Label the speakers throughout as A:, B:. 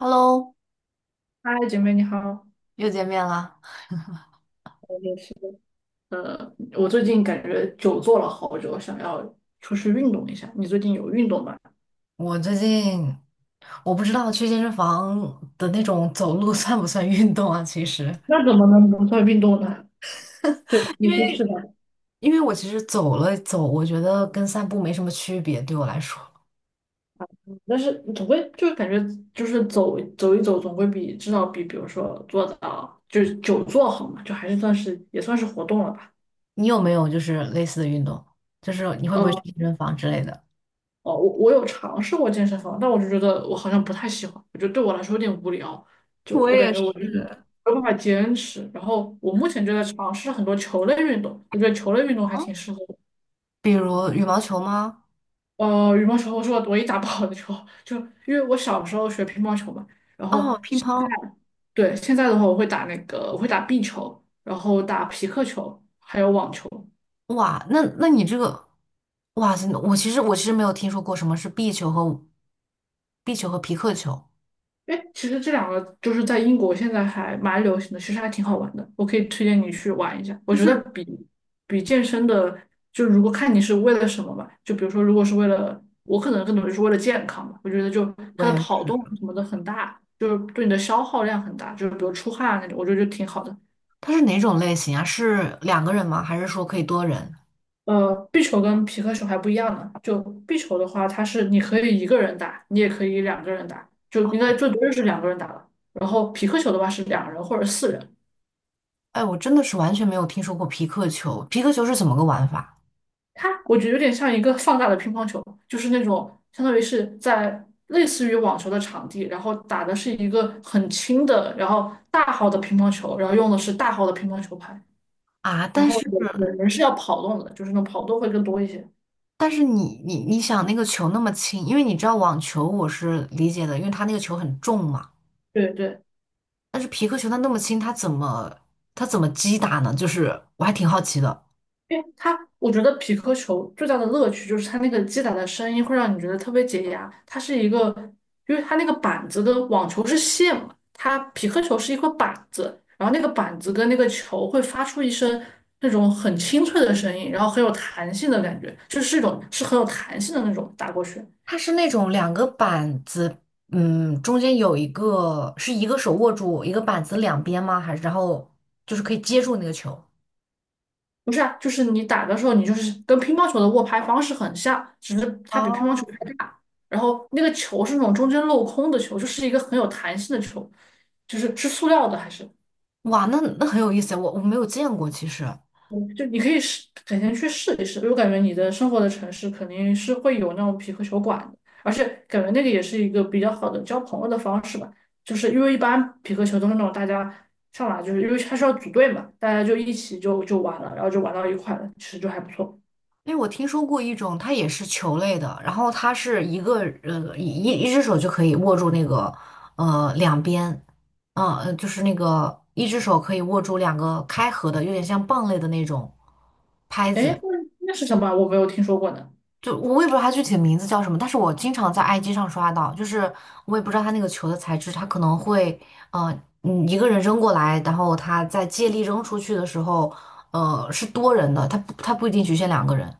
A: Hello，
B: 嗨，姐妹你好。
A: 又见面啦。
B: 我也是，我最近感觉久坐了好久，想要出去运动一下。你最近有运动吗？
A: 我最近我不知道去健身房的那种走路 算不算运动啊？其实，
B: 那怎么能不算运动呢？对吧
A: 因
B: 你说
A: 为
B: 是吧？
A: 因为我其实走了走，我觉得跟散步没什么区别，对我来说。
B: 但是总归就是感觉就是走一走，总归比至少比如说坐到就是久坐好嘛，就还是算是也算是活动了吧。
A: 你有没有就是类似的运动？就是你会不会去
B: 嗯。
A: 健身房之类的？
B: 哦，我有尝试过健身房，但我就觉得我好像不太喜欢，我觉得对我来说有点无聊，就
A: 我
B: 我感
A: 也
B: 觉
A: 是。
B: 我就是没有办法坚持。然后我目前就在尝试很多球类运动，我觉得球类运动还挺适合我。
A: 比如羽毛球吗？
B: 羽毛球我是唯一打不好的球，就因为我小时候学乒乓球嘛，然后
A: 哦，乒
B: 现在
A: 乓。
B: 对现在的话我会打壁球，然后打皮克球，还有网球。
A: 哇，那你这个，哇塞，我其实没有听说过什么是壁球和皮克球。
B: 哎，其实这两个就是在英国现在还蛮流行的，其实还挺好玩的，我可以推荐你去玩一下。我
A: 就
B: 觉得
A: 是
B: 比健身的，就如果看你是为了什么吧，就比如说如果是为了，我可能更多就是为了健康吧，我觉得就它的跑
A: 对
B: 动什么的很大，就是对你的消耗量很大，就是比如出汗啊那种，我觉得就挺好的。
A: 它是哪种类型啊？是两个人吗？还是说可以多人？
B: 壁球跟皮克球还不一样呢，就壁球的话，它是你可以一个人打，你也可以两个人打，就
A: 哦，
B: 应该最多就是两个人打了。然后皮克球的话是两人或者四人。
A: 哎，我真的是完全没有听说过皮克球。皮克球是怎么个玩法
B: 它我觉得有点像一个放大的乒乓球，就是那种相当于是在类似于网球的场地，然后打的是一个很轻的，然后大号的乒乓球，然后用的是大号的乒乓球拍，
A: 啊？
B: 然后有人是要跑动的，就是那种跑动会更多一些。
A: 但是你想那个球那么轻，因为你知道网球我是理解的，因为它那个球很重嘛。
B: 对对，
A: 但是皮克球它那么轻，它怎么击打呢？就是我还挺好奇的。
B: 因为它，我觉得匹克球最大的乐趣就是它那个击打的声音会让你觉得特别解压。它是一个，因为它那个板子的网球是线嘛，它匹克球是一块板子，然后那个板子跟那个球会发出一声那种很清脆的声音，然后很有弹性的感觉，就是一种是很有弹性的那种打过去。
A: 它是那种两个板子，嗯，中间有一个是一个手握住一个板子两边吗？还是然后就是可以接住那个球？
B: 不是啊，就是你打的时候，你就是跟乒乓球的握拍方式很像，只是它比乒乓
A: 哦
B: 球拍大。然后那个球是那种中间镂空的球，就是一个很有弹性的球，就是是塑料的还是？
A: 哇，那那很有意思，我没有见过，其实，
B: 嗯就你可以试，改天去试一试。因为我感觉你的生活的城市肯定是会有那种匹克球馆的，而且感觉那个也是一个比较好的交朋友的方式吧。就是因为一般匹克球都是那种大家上来，就是因为它是要组队嘛，大家就一起就玩了，然后就玩到一块了，其实就还不错。
A: 因为我听说过一种，它也是球类的，然后它是一个呃一只手就可以握住那个呃两边，嗯、呃，就是那个一只手可以握住两个开合的，有点像棒类的那种拍
B: 哎，
A: 子，
B: 那是什么？我没有听说过呢。
A: 就我也不知道它具体的名字叫什么，但是我经常在 IG 上刷到，就是我也不知道它那个球的材质，它可能会，呃，嗯，一个人扔过来，然后他在借力扔出去的时候，呃，是多人的，他不，它不一定局限两个人。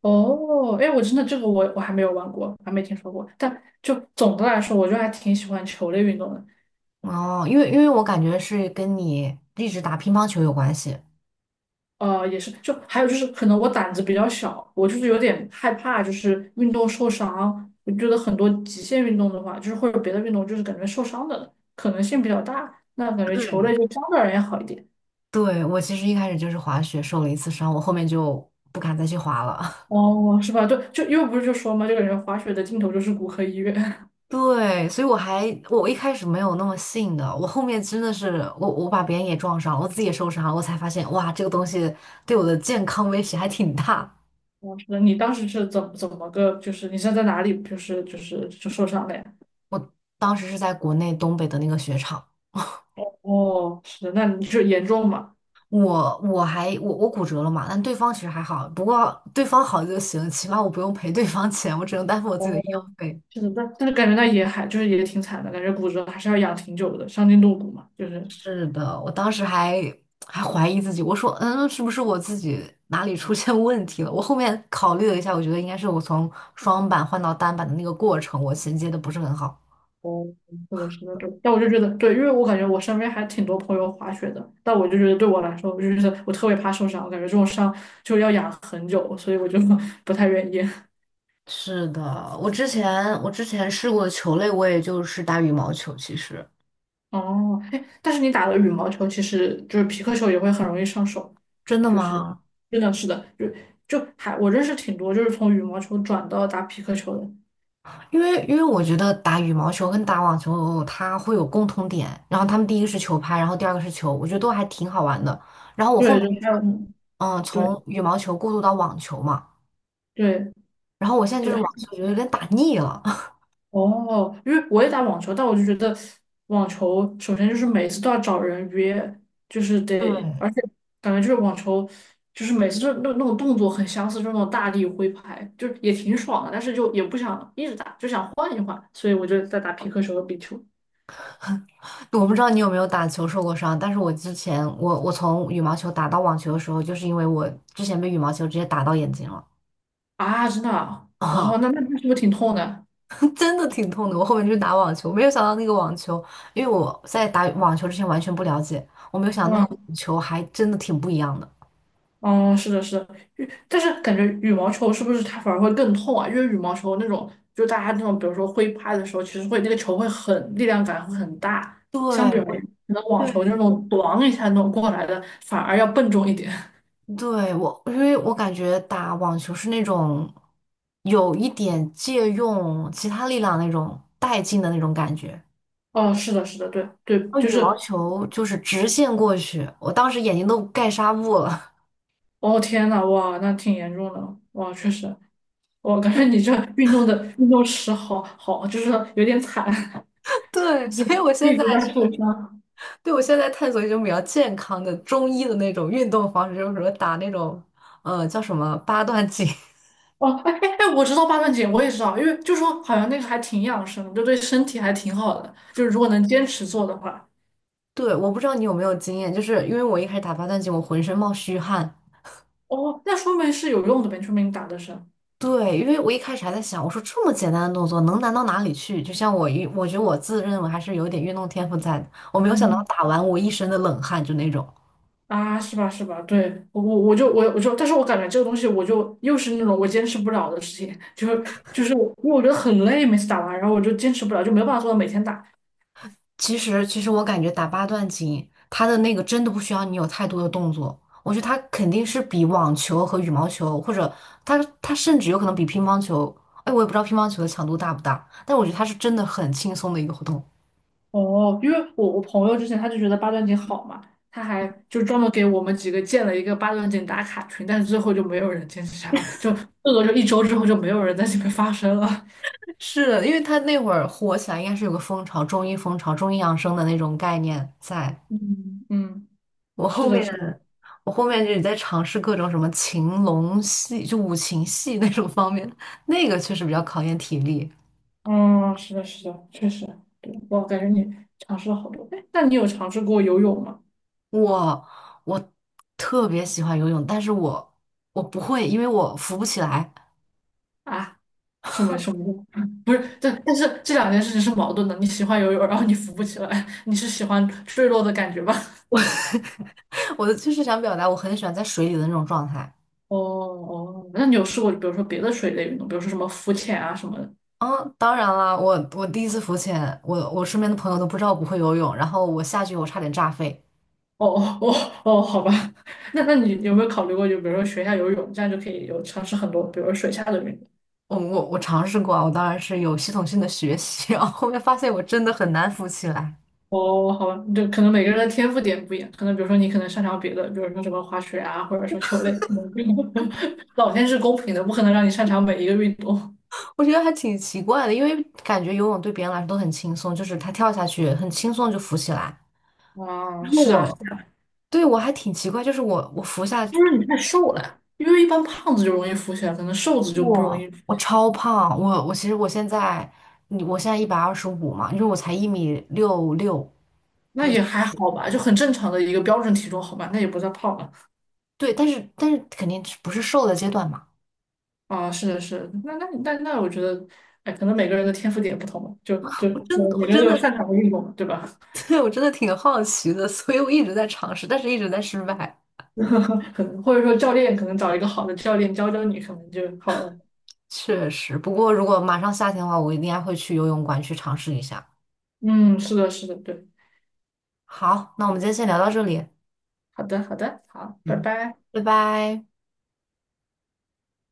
B: 哦，哎，我真的这个我还没有玩过，还没听说过。但就总的来说，我就还挺喜欢球类运动的。
A: 哦，因为我感觉是跟你一直打乒乓球有关系。
B: 也是，就还有就是，可能我胆子比较小，我就是有点害怕，就是运动受伤。我觉得很多极限运动的话，就是或者别的运动，就是感觉受伤的可能性比较大。那感觉球类
A: 对，
B: 就相对而言好一点。
A: 对，我其实一开始就是滑雪受了一次伤，我后面就不敢再去滑了。
B: 哦，是吧？就因为不是就说嘛，就感觉滑雪的尽头就是骨科医院。
A: 对，所以我一开始没有那么信的，我后面真的是我把别人也撞上了我自己也受伤了，我才发现哇，这个东西对我的健康威胁还挺大。
B: 哦，那你当时是怎么个，就是你是在哪里，就是受伤了呀？
A: 我当时是在国内东北的那个雪场，
B: 哦，是的，那你就是严重吗？
A: 我还骨折了嘛，但对方其实还好，不过对方好就行，起码我不用赔对方钱，我只能担负我自己的
B: 哦，
A: 医药费。
B: 是的，那但是感觉那也还就是也挺惨的，感觉骨折还是要养挺久的，伤筋动骨嘛，就是。
A: 是的，我当时还怀疑自己，我说，嗯，是不是我自己哪里出现问题了？我后面考虑了一下，我觉得应该是我从双板换到单板的那个过程，我衔接的不是很好。
B: 哦，是的，是的，对。但我就觉得，对，因为我感觉我身边还挺多朋友滑雪的，但我就觉得对我来说，我就觉得我特别怕受伤，我感觉这种伤就要养很久，所以我就 不太愿意。
A: 是的，我之前试过的球类，我也就是打羽毛球。其实
B: 哦，哎，但是你打了羽毛球，其实就是皮克球也会很容易上手，
A: 真的
B: 就是
A: 吗？
B: 真的，是的，就还我认识挺多，就是从羽毛球转到打皮克球的，
A: 因为我觉得打羽毛球跟打网球它会有共同点，然后他们第一个是球拍，然后第二个是球，我觉得都还挺好玩的。然后我后
B: 对，
A: 面
B: 就
A: 是
B: 还有
A: 嗯，
B: 对
A: 从羽毛球过渡到网球嘛。
B: 对对，
A: 然后我现在就是网球觉得有点打腻了。
B: 哦，因为我也打网球，但我就觉得网球首先就是每次都要找人约，就是得，而且感觉就是网球就是每次就那种动作很相似，就那种大力挥拍，就也挺爽的，但是就也不想一直打，就想换一换，所以我就在打皮克球和壁球
A: 对，我不知道你有没有打球受过伤，但是我之前我从羽毛球打到网球的时候，就是因为我之前被羽毛球直接打到眼睛了
B: 啊，真的啊
A: 啊，
B: 哦，那是不是挺痛的？
A: 真的挺痛的。我后面去打网球，没有想到那个网球，因为我在打网球之前完全不了解，我没有想到那个
B: 嗯
A: 网球还真的挺不一样的。
B: 嗯，是的，是的，羽但是感觉羽毛球是不是它反而会更痛啊？因为羽毛球那种，就大家那种，比如说挥拍的时候，其实会那个球会很力量感会很大，
A: 对，
B: 相比而言，
A: 我
B: 可能网球那
A: 对
B: 种咣一下那种过来的，反而要笨重一点。
A: 对我，因为我感觉打网球是那种有一点借用其他力量那种带劲的那种感觉。
B: 哦，是的，是的，对对，
A: 然后
B: 就
A: 羽毛
B: 是，
A: 球就是直线过去，我当时眼睛都盖纱布了。
B: 哦天呐，哇，那挺严重的，哇，确实，我感觉你 这运动的运动史好好，就是有点惨，
A: 对，
B: 一
A: 所以
B: 直
A: 我现
B: 一
A: 在
B: 直在受
A: 是，
B: 伤。
A: 对，我现在探索一种比较健康的中医的那种运动方式，就是什么打那种，呃，叫什么八段锦。
B: 哦，哎哎哎，我知道八段锦，我也知道，因为就说好像那个还挺养生的就对身体还挺好的，就是如果能坚持做的话。
A: 对，我不知道你有没有经验，就是因为我一开始打八段锦，我浑身冒虚汗。
B: 哦，那说明是有用的呗，说明你打的是，
A: 对，因为我一开始还在想，我说这么简单的动作能难到哪里去？就像我觉得我自认为还是有点运动天赋在的，我没有想到
B: 嗯，
A: 打完我一身的冷汗，就那种。
B: 啊，是吧？是吧？对，我就，但是我感觉这个东西我就又是那种我坚持不了的事情，就是我因为我觉得很累，每次打完，然后我就坚持不了，就没有办法做到每天打。
A: 其实，其实我感觉打八段锦，它的那个真的不需要你有太多的动作。我觉得它肯定是比网球和羽毛球，或者它甚至有可能比乒乓球。哎，我也不知道乒乓球的强度大不大，但我觉得它是真的很轻松的一个活动。
B: 哦，因为我朋友之前他就觉得八段锦好嘛，他还就专门给我们几个建了一个八段锦打卡群，但是最后就没有人坚持下来，就这个就一周之后就没有人在这边发声了。
A: 是的因为它那会儿火起来，应该是有个风潮，中医风潮、中医养生的那种概念在。
B: 嗯嗯，
A: 我后
B: 是的，
A: 面，
B: 是的，
A: 我后面就是在尝试各种什么擒龙戏，就五禽戏那种方面，那个确实比较考验体力。
B: 嗯，是的，是的，确实，对，我感觉你尝试了好多。哎，那你有尝试过游泳吗？
A: 我我特别喜欢游泳，但是我不会，因为我浮不起来。
B: 啊，什么什么？的？不是，但但是这两件事情是矛盾的。你喜欢游泳，然后你浮不起来，你是喜欢坠落的感觉吧？
A: 我 我的就是想表达，我很喜欢在水里的那种状态。
B: 哦哦，那你有试过，比如说别的水类运动，比如说什么浮潜啊什么的？
A: 嗯，当然啦，我第一次浮潜，我身边的朋友都不知道我不会游泳，然后我下去我差点炸飞。
B: 哦哦哦哦，好吧，那你有没有考虑过，就比如说学一下游泳，这样就可以有尝试很多，比如说水下的运动？
A: 我尝试过啊我当然是有系统性的学习，然后后面发现我真的很难浮起来。
B: 哦，好吧，就可能每个人的天赋点不一样，可能比如说你可能擅长别的，比如说什么滑雪啊，或者说球类，可能 老天是公平的，不可能让你擅长每一个运动。
A: 我觉得还挺奇怪的，因为感觉游泳对别人来说都很轻松，就是他跳下去很轻松就浮起来。
B: 啊，
A: 然后
B: 是啊，
A: 我对我还挺奇怪，就是我服下
B: 就是你太瘦了，因为一般胖子就容易浮起来，可能瘦子就不容
A: 我
B: 易。
A: 我超胖，我其实我现在我现在125嘛，因为我才1米66
B: 那
A: 六，
B: 也还好吧，就很正常的一个标准体重，好吧，那也不算胖了
A: 对，但是肯定是不是瘦的阶段嘛，
B: 啊。是的，是的，那，我觉得，哎，可能每个人的天赋点不同吧，就
A: 我真
B: 呃
A: 的我
B: 每个人都
A: 真
B: 有
A: 的
B: 擅长的运动嘛，对吧？
A: 对我真的挺好奇的，所以我一直在尝试，但是一直在失败，
B: 可能或者说教练可能找一个好的教练教教你，可能就好了。
A: 确实。不过如果马上夏天的话，我应该会去游泳馆去尝试一下。
B: 嗯，是的，是的，对，
A: 好，那我们今天先聊到这里，
B: 好的，好的，好，拜
A: 嗯，
B: 拜。
A: 拜拜。